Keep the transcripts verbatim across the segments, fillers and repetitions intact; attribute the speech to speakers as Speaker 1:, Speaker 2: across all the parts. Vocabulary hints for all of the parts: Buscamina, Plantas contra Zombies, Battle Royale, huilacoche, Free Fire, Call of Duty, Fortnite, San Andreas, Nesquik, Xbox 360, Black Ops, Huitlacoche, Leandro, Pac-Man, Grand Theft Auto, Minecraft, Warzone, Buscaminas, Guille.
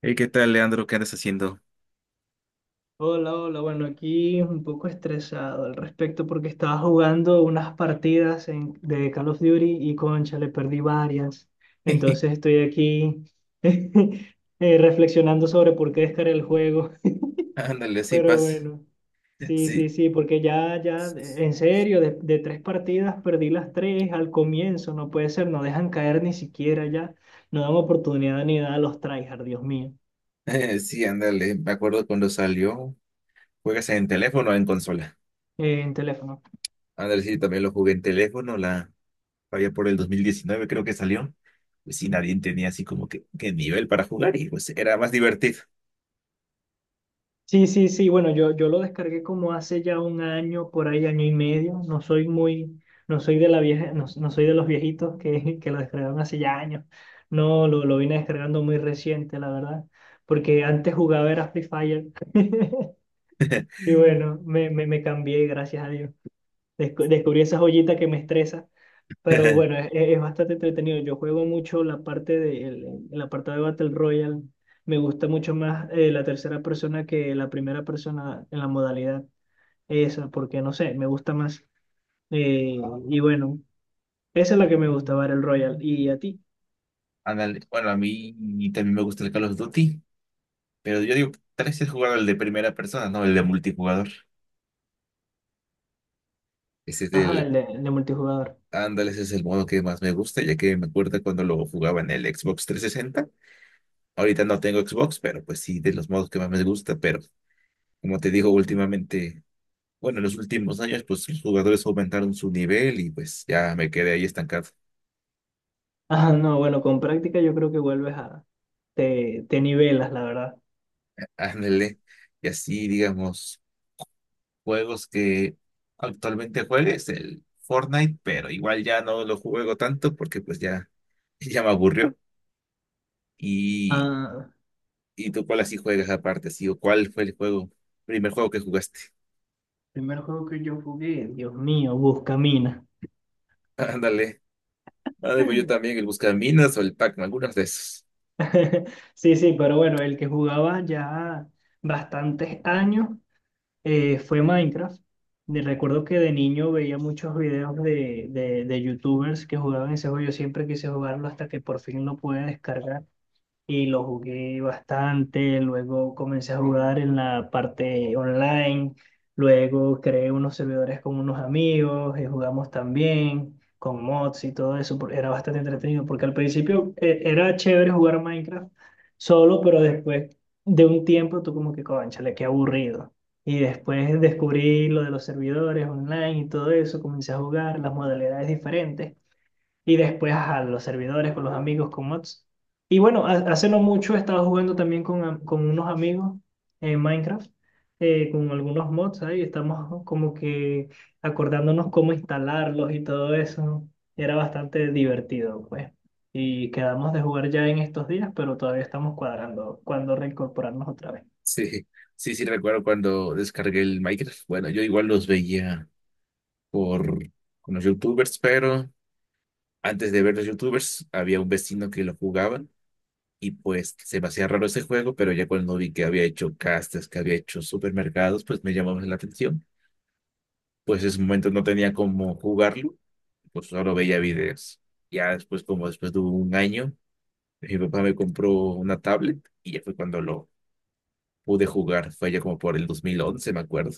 Speaker 1: Hey, ¿qué tal, Leandro? ¿Qué andas haciendo?
Speaker 2: Hola, hola, bueno, aquí un poco estresado al respecto porque estaba jugando unas partidas en- de Call of Duty y concha, le perdí varias. Entonces estoy aquí eh, reflexionando sobre por qué descargué el juego.
Speaker 1: Ándale, sí,
Speaker 2: Pero
Speaker 1: pasa.
Speaker 2: bueno, sí, sí,
Speaker 1: Sí,
Speaker 2: sí, porque ya, ya, de- en serio, de, de tres partidas perdí las tres al comienzo, no puede ser, no dejan caer ni siquiera ya, no dan oportunidad ni nada a los tryhard, Dios mío.
Speaker 1: sí, ándale. Me acuerdo cuando salió. ¿Juegas en teléfono o en consola?
Speaker 2: Eh, en teléfono.
Speaker 1: Ándale, sí, también lo jugué en teléfono. La había por el dos mil diecinueve, creo que salió. Pues sí, nadie tenía así como que, que nivel para jugar y pues era más divertido.
Speaker 2: Sí, sí, sí, bueno, yo, yo lo descargué como hace ya un año, por ahí año y medio. No soy muy, no soy de la vieja, no, no soy de los viejitos que, que lo descargaron hace ya años. No, lo, lo vine descargando muy reciente, la verdad. Porque antes jugaba era Free Fire. Y bueno, me, me, me cambié, gracias a Dios. Descu- descubrí esa joyita que me estresa. Pero bueno, es, es bastante entretenido. Yo juego mucho la parte de el, el apartado de Battle Royale. Me gusta mucho más eh, la tercera persona que la primera persona en la modalidad esa, porque no sé, me gusta más. Eh, y bueno, esa es la que me gusta, Battle Royale. ¿Y a ti?
Speaker 1: Ándale, bueno, a mí también me gusta el Call of Duty, pero yo digo, tal vez es jugar el de primera persona, no el de multijugador. Ese es
Speaker 2: Ajá,
Speaker 1: el,
Speaker 2: el de, el de multijugador.
Speaker 1: ándale, ese es el modo que más me gusta, ya que me acuerdo cuando lo jugaba en el Xbox trescientos sesenta. Ahorita no tengo Xbox, pero pues sí, de los modos que más me gusta. Pero como te digo, últimamente, bueno, en los últimos años, pues los jugadores aumentaron su nivel y pues ya me quedé ahí estancado.
Speaker 2: Ajá, no, bueno, con práctica yo creo que vuelves a... Te, te nivelas, la verdad.
Speaker 1: Ándale, y así, digamos, juegos que actualmente juegues, el Fortnite, pero igual ya no lo juego tanto porque pues ya, ya me aburrió. Y,
Speaker 2: Ah,
Speaker 1: ¿y tú cuál así juegas aparte, sí? ¿O cuál fue el juego, primer juego que jugaste?
Speaker 2: primer juego que yo jugué, Dios mío, Buscamina.
Speaker 1: Ándale, ándale, pues yo también, el Buscaminas o el Pac-Man, algunas de esas.
Speaker 2: Sí, sí, pero bueno, el que jugaba ya bastantes años eh, fue Minecraft. De- Recuerdo que de niño veía muchos videos de, de, de youtubers que jugaban ese juego. Yo siempre quise jugarlo hasta que por fin lo pude descargar y lo jugué bastante, luego comencé a jugar en la parte online, luego creé unos servidores con unos amigos y jugamos también con mods y todo eso, por- era bastante entretenido porque al principio eh, era chévere jugar Minecraft solo, pero después de un tiempo tú como que, cónchale, qué aburrido. Y después descubrí lo de los servidores online y todo eso, comencé a jugar las modalidades diferentes. Y después a los servidores, con los amigos, con mods. Y bueno, ha- hace no mucho he estado jugando también con, am- con unos amigos en Minecraft, eh, con algunos mods ahí. Estamos como que acordándonos cómo instalarlos y todo eso. Era bastante divertido, pues. Y quedamos de jugar ya en estos días, pero todavía estamos cuadrando cuándo reincorporarnos otra vez.
Speaker 1: Sí, sí, sí, recuerdo cuando descargué el Minecraft. Bueno, yo igual los veía por con los YouTubers, pero antes de ver los YouTubers había un vecino que lo jugaban y pues se me hacía raro ese juego, pero ya cuando vi que había hecho castas, que había hecho supermercados, pues me llamó la atención. Pues en ese momento no tenía cómo jugarlo, pues solo veía videos. Ya después, como después de un año, mi papá me compró una tablet y ya fue cuando lo pude jugar. Fue ya como por el dos mil once me acuerdo.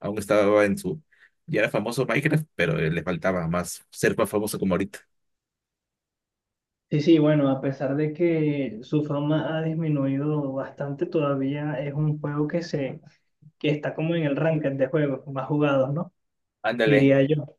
Speaker 1: Aún estaba en su... Ya era famoso Minecraft, pero eh, le faltaba más ser más famoso como ahorita.
Speaker 2: Sí, sí, bueno, a pesar de que su fama ha disminuido bastante, todavía es un juego que se que está como en el ranking de juegos más jugados, ¿no?
Speaker 1: Ándale,
Speaker 2: Diría yo.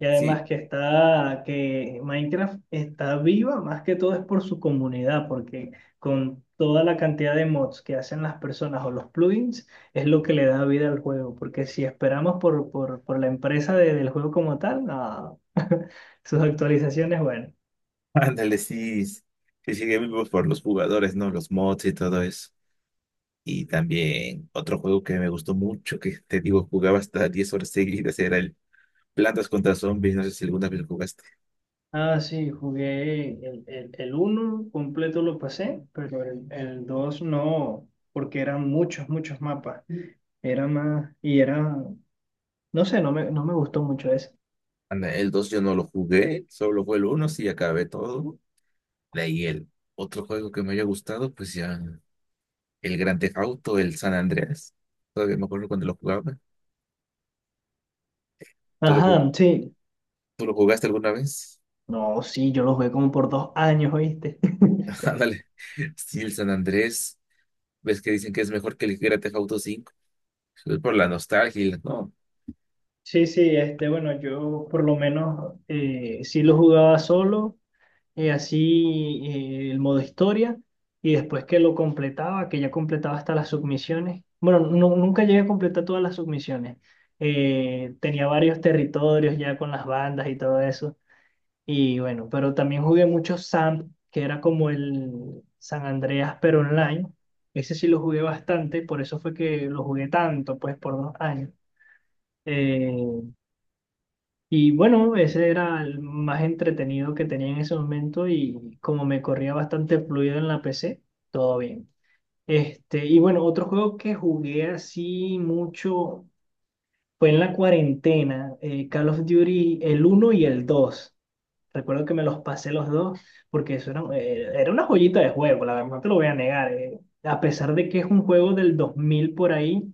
Speaker 2: Y además
Speaker 1: sí,
Speaker 2: que está, que Minecraft está viva más que todo es por su comunidad, porque con toda la cantidad de mods que hacen las personas o los plugins, es lo que le da vida al juego, porque si esperamos por, por, por la empresa de- del juego como tal, no. Sus actualizaciones, bueno.
Speaker 1: ándale, sí. Sí, sigue vivo por los jugadores, ¿no? Los mods y todo eso. Y también otro juego que me gustó mucho, que te digo, jugaba hasta diez horas seguidas, era el Plantas contra Zombies. No sé si alguna vez lo jugaste.
Speaker 2: Ah, sí, jugué el, el, el uno completo lo pasé, pero el, el dos no, porque eran muchos, muchos mapas. Era más, y era, no sé, no me, no me gustó mucho eso.
Speaker 1: Anda, el dos yo no lo jugué, solo fue el uno sí, acabé todo. De ahí el otro juego que me haya gustado, pues ya. El Grand Theft Auto, el San Andreas. Todavía me acuerdo cuando lo jugaba. ¿Tú lo, ju-
Speaker 2: Ajá, sí.
Speaker 1: tú lo jugaste alguna vez?
Speaker 2: No, sí, yo lo jugué como por dos años, ¿oíste?
Speaker 1: Ándale. Sí, el San Andrés. ¿Ves que dicen que es mejor que el Grand Theft Auto cinco? Es por la nostalgia, y la- ¿no?
Speaker 2: Sí, sí, este, bueno, yo por lo menos eh, sí lo jugaba solo, eh, así eh, el modo historia, y después que lo completaba, que ya completaba hasta las submisiones. Bueno, nu- nunca llegué a completar todas las submisiones. Eh, tenía varios territorios ya con las bandas y todo eso. Y bueno, pero también jugué mucho Sam, que era como el San Andreas, pero online. Ese sí lo jugué bastante, por eso fue que lo jugué tanto, pues por dos años. Eh, y bueno, ese era el más entretenido que tenía en ese momento y como me corría bastante fluido en la P C, todo bien. Este, y bueno, otro juego que jugué así mucho fue en la cuarentena, eh, Call of Duty el uno y el dos. Recuerdo que me los pasé los dos porque eso era, eh, era una joyita de juego, la verdad no te lo voy a negar. eh. A pesar de que es un juego del dos mil por ahí,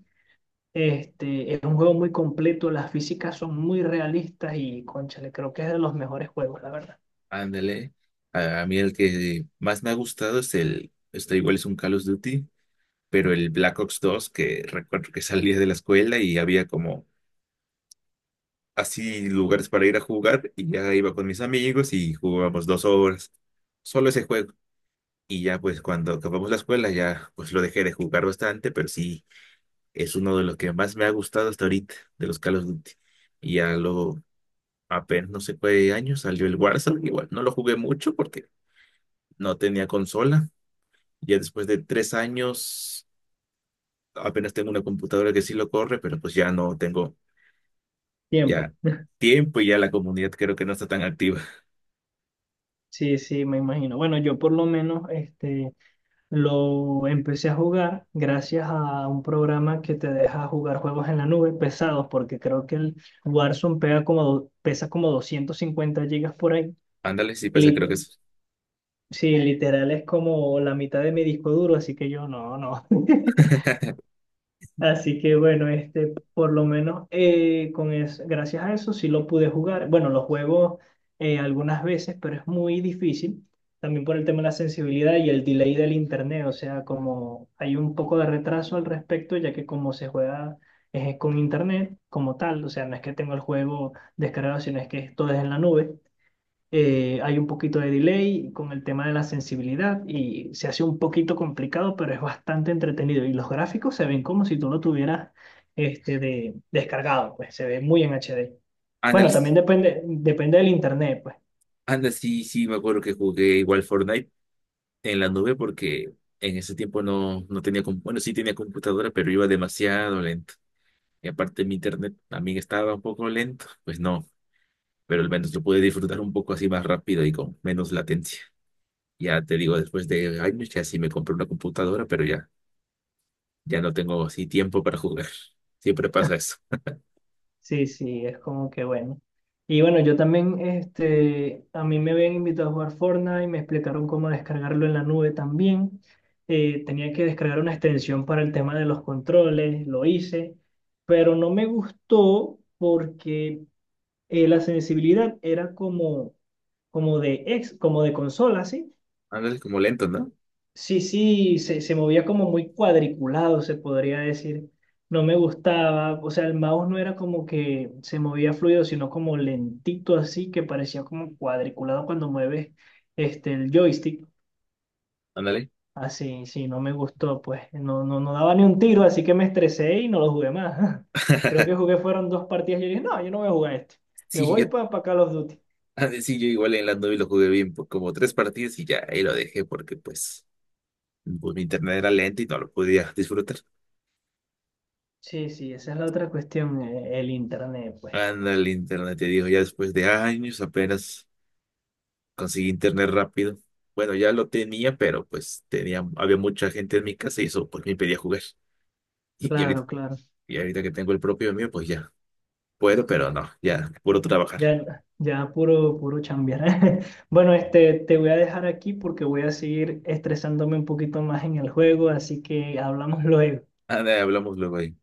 Speaker 2: este, es un juego muy completo, las físicas son muy realistas y, cónchale, creo que es de los mejores juegos, la verdad.
Speaker 1: Ándale. A, a mí el que más me ha gustado es el, esto igual es un Call of Duty, pero el Black Ops dos, que recuerdo que salía de la escuela y había como así lugares para ir a jugar y ya iba con mis amigos y jugábamos dos horas. Solo ese juego. Y ya pues cuando acabamos la escuela ya pues lo dejé de jugar bastante, pero sí es uno de los que más me ha gustado hasta ahorita, de los Call of Duty. Y ya lo, apenas no sé qué año salió el Warzone, igual no lo jugué mucho porque no tenía consola. Ya después de tres años apenas tengo una computadora que sí lo corre, pero pues ya no tengo ya
Speaker 2: Tiempo.
Speaker 1: tiempo y ya la comunidad creo que no está tan activa.
Speaker 2: Sí, sí, me imagino. Bueno, yo por lo menos este, lo empecé a jugar gracias a un programa que te deja jugar juegos en la nube pesados, porque creo que el Warzone pega como, do- pesa como doscientos cincuenta gigas por ahí.
Speaker 1: Ándale, sí, pasa
Speaker 2: Y
Speaker 1: creo que es.
Speaker 2: sí, literal es como la mitad de mi disco duro, así que yo no, no. Así que bueno, este, por lo menos eh, con es, gracias a eso sí lo pude jugar. Bueno, lo juego eh, algunas veces, pero es muy difícil. También por el tema de la sensibilidad y el delay del internet, o sea, como hay un poco de retraso al respecto, ya que como se juega eh, con internet como tal, o sea, no es que tengo el juego descargado, sino es que todo es en la nube. Eh, hay un poquito de delay con el tema de la sensibilidad y se hace un poquito complicado, pero es bastante entretenido. Y los gráficos se ven como si tú lo tuvieras este, de, descargado, pues se ve muy en H D.
Speaker 1: Ándale,
Speaker 2: Bueno,
Speaker 1: sí,
Speaker 2: también depende, depende del internet, pues.
Speaker 1: ándale, sí, sí, me acuerdo que jugué igual Fortnite en la nube porque en ese tiempo no, no tenía, com- bueno, sí tenía computadora, pero iba demasiado lento. Y aparte mi internet también estaba un poco lento, pues no, pero al menos lo pude disfrutar un poco así más rápido y con menos latencia. Ya te digo, después de años ya sí me compré una computadora, pero ya, ya no tengo así tiempo para jugar. Siempre pasa eso.
Speaker 2: Sí, sí, es como que bueno. Y bueno, yo también, este, a mí me habían invitado a jugar Fortnite, me explicaron cómo descargarlo en la nube también. Eh, tenía que descargar una extensión para el tema de los controles, lo hice, pero no me gustó porque eh, la sensibilidad era como, como de ex, como de consola, ¿sí?
Speaker 1: Ándale, como lento, ¿no?
Speaker 2: Sí, sí, se, se movía como muy cuadriculado, se podría decir. No me gustaba, o sea, el mouse no era como que se movía fluido, sino como lentito así, que parecía como cuadriculado cuando mueves este, el joystick.
Speaker 1: Ándale.
Speaker 2: Así, sí, no me gustó, pues no, no, no daba ni un tiro, así que me estresé y no lo jugué más. Creo que jugué fueron dos partidas y yo dije, no, yo no voy a jugar esto. Me
Speaker 1: Sí,
Speaker 2: voy
Speaker 1: yo,
Speaker 2: para Call of Duty.
Speaker 1: ah, sí, yo igual en la nube lo jugué bien por como tres partidas y ya ahí lo dejé porque pues, pues mi internet era lento y no lo podía disfrutar.
Speaker 2: Sí, sí, esa es la otra cuestión, eh, el internet, pues.
Speaker 1: Anda el internet, te digo, ya después de años apenas conseguí internet rápido. Bueno, ya lo tenía, pero pues tenía, había mucha gente en mi casa y eso pues me impedía jugar. Y, ahorita,
Speaker 2: Claro, claro.
Speaker 1: y ahorita que tengo el propio mío, pues ya puedo, pero no, ya puro trabajar.
Speaker 2: Ya, ya puro, puro chambear. Bueno, este, te voy a dejar aquí porque voy a seguir estresándome un poquito más en el juego, así que hablamos luego.
Speaker 1: Anda, hablamos luego ahí.